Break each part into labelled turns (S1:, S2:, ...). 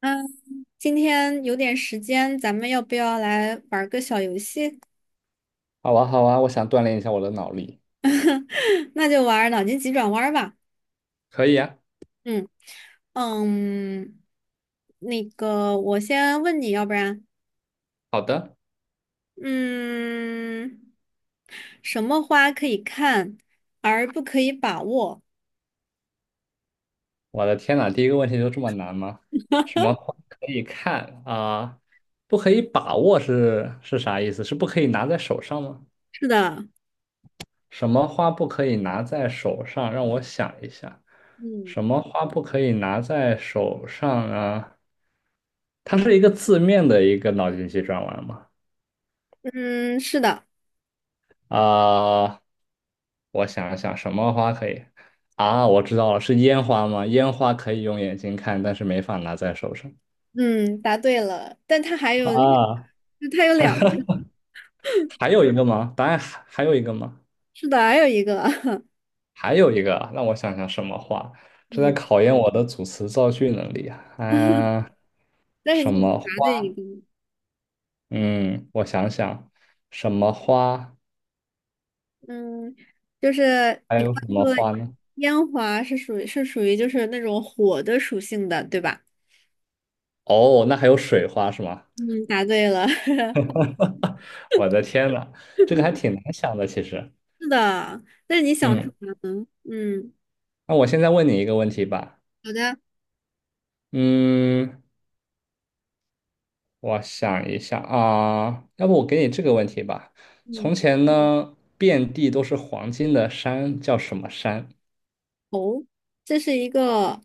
S1: 嗯，今天有点时间，咱们要不要来玩个小游戏？
S2: 好啊，好啊，我想锻炼一下我的脑力。
S1: 那就玩脑筋急转弯儿吧。
S2: 可以啊，
S1: 嗯嗯，那个，我先问你，要不然。
S2: 好的。
S1: 嗯，什么花可以看而不可以把握？
S2: 我的天呐，第一个问题就这么难吗？什么可以看啊？不可以把握是啥意思？是不可以拿在手上吗？
S1: 是的。
S2: 什么花不可以拿在手上？让我想一下，
S1: 嗯
S2: 什么花不可以拿在手上啊？它是一个字面的一个脑筋急转弯吗？
S1: 嗯，是的。
S2: 啊、我想一想什么花可以啊？我知道了，是烟花吗？烟花可以用眼睛看，但是没法拿在手上
S1: 嗯，答对了。但它还有，
S2: 啊。
S1: 它有两，
S2: 还有一个吗？答案还有一个吗？
S1: 是的，还有一个，
S2: 还有一个啊，让我想想什么花？这在
S1: 嗯，
S2: 考验我的组词造句能力啊。啊、
S1: 但是
S2: 什
S1: 你
S2: 么
S1: 答对一
S2: 花？
S1: 个。
S2: 嗯，我想想，什么花？
S1: 嗯，就是
S2: 还
S1: 你刚
S2: 有什
S1: 才
S2: 么
S1: 说的
S2: 花呢？
S1: 烟花是属于就是那种火的属性的，对吧？
S2: 哦，那还有水花是吗？
S1: 嗯，答对了，
S2: 我的天呐，这个还挺难想的，其实。
S1: 是的。那你想出
S2: 嗯，
S1: 来了。嗯，
S2: 那我现在问你一个问题吧。
S1: 好的。
S2: 嗯，我想一下啊，要不我给你这个问题吧。
S1: 嗯，
S2: 从前呢，遍地都是黄金的山叫什么山？
S1: 哦，这是一个，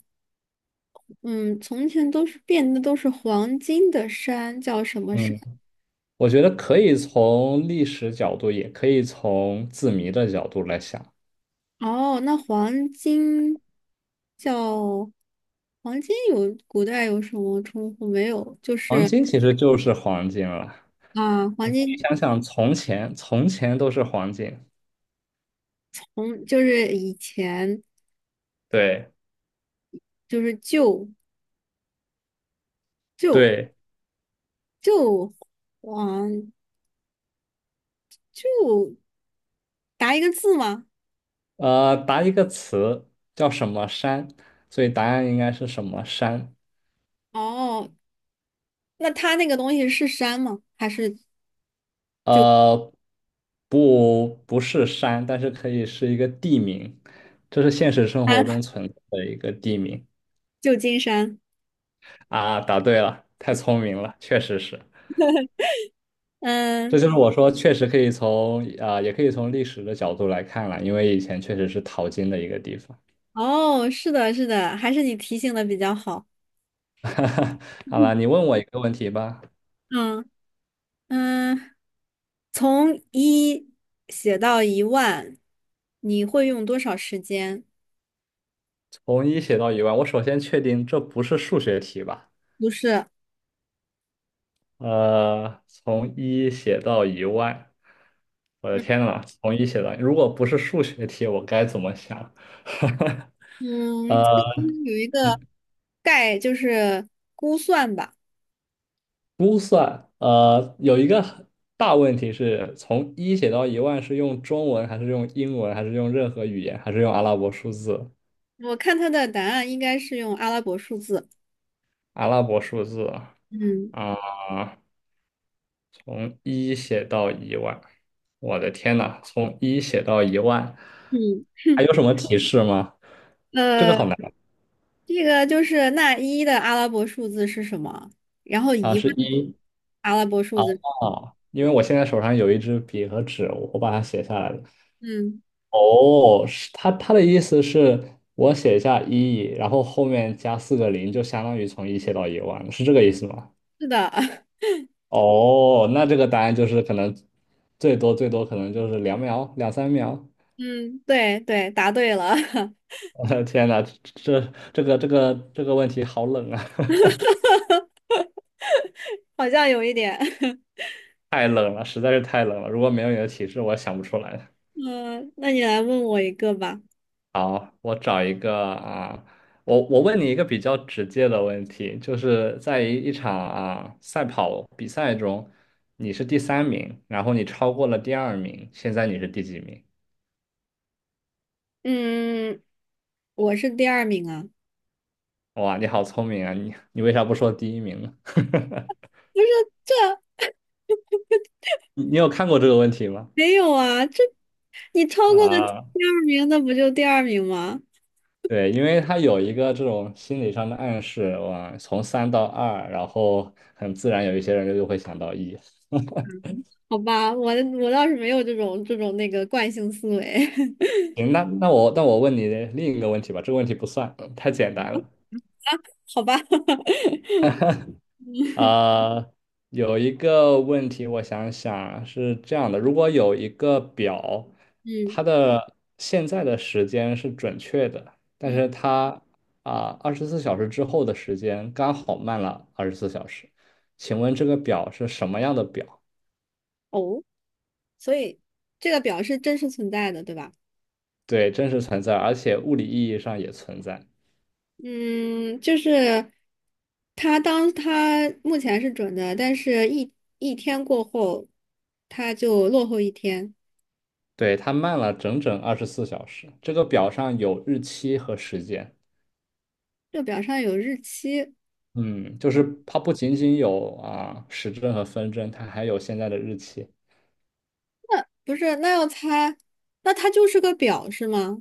S1: 嗯，从前都是变的都是黄金的山，叫什么山？
S2: 嗯，我觉得可以从历史角度，也可以从字谜的角度来想。
S1: 哦，那黄金叫黄金有古代有什么称呼没有？就
S2: 黄
S1: 是
S2: 金其实就是黄金了。
S1: 啊，黄
S2: 你可以
S1: 金
S2: 想想，从前，从前都是黄金。
S1: 从就是以前。
S2: 对
S1: 就是就就
S2: 对，
S1: 就，嗯，就答一个字吗？
S2: 答一个词叫什么山，所以答案应该是什么山？
S1: 哦，那它那个东西是山吗？还是
S2: 呃，不，不是山，但是可以是一个地名，这是现实 生活
S1: 啊，
S2: 中存在的一个地名
S1: 旧金山？
S2: 啊。答对了，太聪明了，确实是。这
S1: 嗯，
S2: 就是我说，确实可以也可以从历史的角度来看了，因为以前确实是淘金的一个地方。
S1: 哦，是的，是的，还是你提醒的比较好。
S2: 好了，你问我一个问题吧，
S1: 嗯嗯，从一写到一万，你会用多少时间？
S2: 从一写到一万，我首先确定这不是数学题吧？
S1: 不是。
S2: 从一写到一万，我的
S1: 嗯
S2: 天呐，从一写到，如果不是数学题，我该怎么想？
S1: 嗯，
S2: 呃
S1: 这个应该有一个概，就是估算吧。
S2: 有一个很大问题是从一写到一万是用中文还是用英文还是用任何语言还是用阿拉伯数字？
S1: 我看他的答案应该是用阿拉伯数字。
S2: 阿拉伯数字
S1: 嗯
S2: 啊，从一写到一万，我的天呐，从一写到一万，
S1: 嗯，
S2: 还有什么提示吗？这个
S1: 呃，
S2: 好难
S1: 这个就是那一的阿拉伯数字是什么？然后
S2: 啊，
S1: 一
S2: 是
S1: 问
S2: 一。
S1: 阿拉伯数字。
S2: 啊，因为我现在手上有一支笔和纸，我把它写下来了。
S1: 嗯，
S2: 哦，是他的意思是我写下一，然后后面加四个零，就相当于从一写到一万，是这个意思吗？
S1: 是的，
S2: 哦，那这个答案就是可能最多最多可能就是两秒两三秒。
S1: 嗯，对对，答对了，
S2: 我的天呐，这这个问题好冷啊，
S1: 好像有一点。
S2: 太冷了，实在是太冷了。如果没有你的提示，我想不出来。
S1: 嗯，那你来问我一个吧。
S2: 好，我找一个啊，我问你一个比较直接的问题，就是在一场赛跑比赛中，你是第三名，然后你超过了第二名，现在你是第几名？
S1: 嗯，我是第二名啊。
S2: 哇，你好聪明啊！你为啥不说第一名呢？
S1: 不是，这
S2: 你有看过这个问题吗？
S1: 没有啊，这你超过了
S2: 啊，
S1: 第二名，那不就第二名吗？
S2: 对，因为他有一个这种心理上的暗示，哇，从三到二，然后很自然有一些人就会想到一。
S1: 好吧，我倒是没有这种那个惯性思维，
S2: 行，那我问你另一个问题吧，这个问题不算，太简单了。
S1: 好吧，
S2: 啊、有一个问题，我想想啊是这样的：如果有一个表，
S1: 嗯
S2: 它的现在的时间是准确的，但
S1: 嗯，
S2: 是它二十四小时之后的时间刚好慢了二十四小时，请问这个表是什么样的表？
S1: 哦，所以这个表是真实存在的，对吧？
S2: 对，真实存在，而且物理意义上也存在。
S1: 嗯，就是它当它目前是准的，但是一天过后，它就落后一天。
S2: 对，它慢了整整二十四小时。这个表上有日期和时间。
S1: 这表上有日期，
S2: 嗯，就是它不仅仅有时针和分针，它还有现在的日期。
S1: 那不是，那要猜，那它就是个表是吗？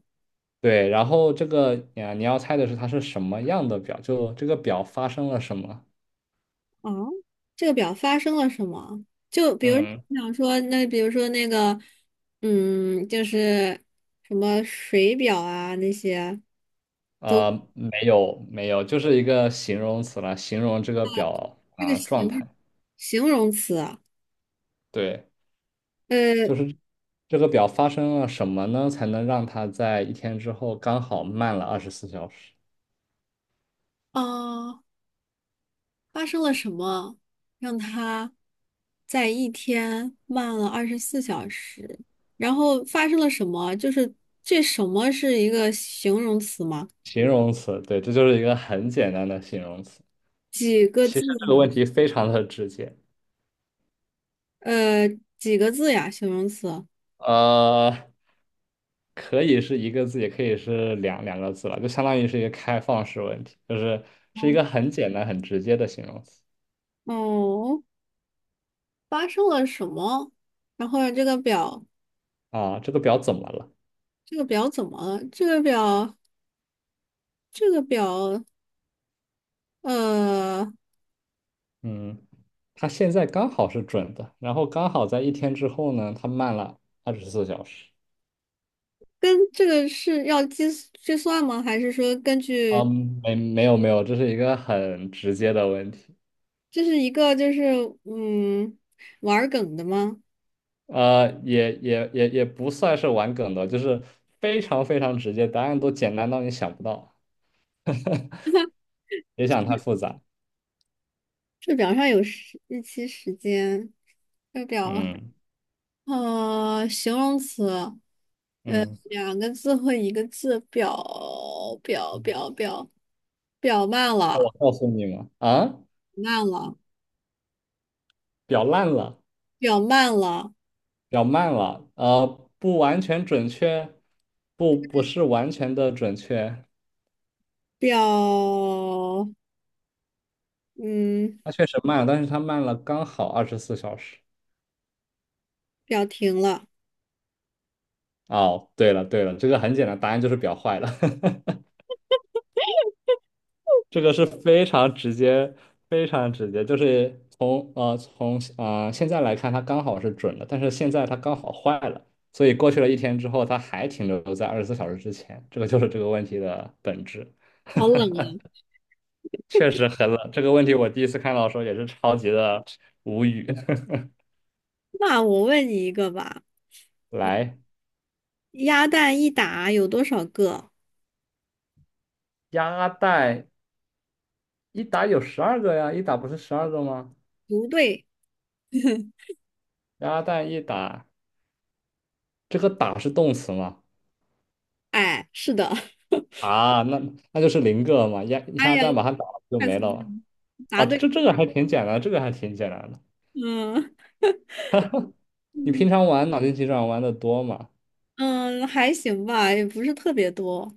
S2: 对，然后这个啊，你要猜的是它是什么样的表，就这个表发生了什么。
S1: 哦，这个表发生了什么？就比如
S2: 嗯，
S1: 想说，那比如说那个，就是什么水表啊那些。都
S2: 没有没有，就是一个形容词了，形容这个表
S1: 这个
S2: 啊状
S1: 形
S2: 态。
S1: 形容词啊
S2: 对，
S1: 呃，
S2: 就是这个表发生了什么呢，才能让它在一天之后刚好慢了二十四小时？
S1: 啊，发生了什么让它在一天慢了24小时？然后发生了什么？就是这什么是一个形容词吗？
S2: 形容词，对，这就是一个很简单的形容词。
S1: 几个
S2: 其
S1: 字？
S2: 实这个问题非常的直接。
S1: 呃，几个字呀？形容词？
S2: 呃，可以是一个字，也可以是两个字了，就相当于是一个开放式问题，就是是一个很简单、很直接的形容词
S1: 哦，发生了什么？然后这个表，
S2: 啊。这个表怎么了？
S1: 怎么了？这个表，这个表，呃，
S2: 嗯，它现在刚好是准的，然后刚好在一天之后呢，它慢了二十四小时。
S1: 跟这个是要计算吗？还是说根据
S2: 嗯，没有没有，这是一个很直接的问题，
S1: 这是一个就是嗯玩儿梗的吗？
S2: 也不算是玩梗的，就是非常非常直接，答案都简单到你想不到，别想太
S1: 嗯
S2: 复杂。
S1: 这表上有时日期、时间，这表
S2: 嗯
S1: 形容词，
S2: 嗯。
S1: 两个字或一个字，表表表表慢了，
S2: 告诉你们啊，
S1: 慢了，
S2: 表烂了，
S1: 表慢了。
S2: 表慢了，不完全准确，不是完全的准确，
S1: 表，嗯，
S2: 它确实慢了，但是它慢了刚好二十四小时。
S1: 表停了。
S2: 哦，对了对了，这个很简单，答案就是表坏了，这个是非常直接，非常直接，就是从现在来看，它刚好是准的，但是现在它刚好坏了，所以过去了一天之后，它还停留在二十四小时之前，这个就是这个问题的本质。
S1: 好冷啊。
S2: 确实很冷。这个问题我第一次看到的时候也是超级的无语。
S1: 那我问你一个吧，
S2: 来，
S1: 鸭蛋一打有多少个？
S2: 鸭蛋一打有十二个呀，一打不是十二个吗？
S1: 不对。
S2: 鸭蛋一打，这个打是动词吗？
S1: 哎，是的。
S2: 啊，那就是零个嘛，鸭
S1: 哎
S2: 鸭
S1: 呀，
S2: 蛋把它打了就
S1: 太
S2: 没
S1: 聪
S2: 了
S1: 明
S2: 嘛。
S1: 了，答
S2: 啊，
S1: 对。
S2: 这个还挺简单，这个还挺简单的。
S1: 嗯
S2: 你
S1: 嗯
S2: 平常玩脑筋急转弯的多吗？
S1: 嗯，还行吧，也不是特别多。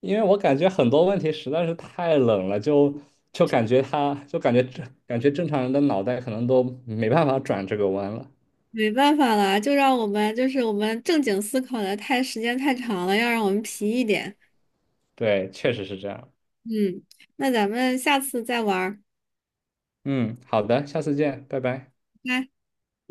S2: 因为我感觉很多问题实在是太冷了，就感觉正常人的脑袋可能都没办法转这个弯了。
S1: 没办法啦，就让我们就是我们正经思考的太时间太长了，要让我们皮一点。
S2: 对，确实是这样。
S1: 嗯，那咱们下次再玩儿。
S2: 嗯，好的，下次见，拜拜。
S1: 拜拜。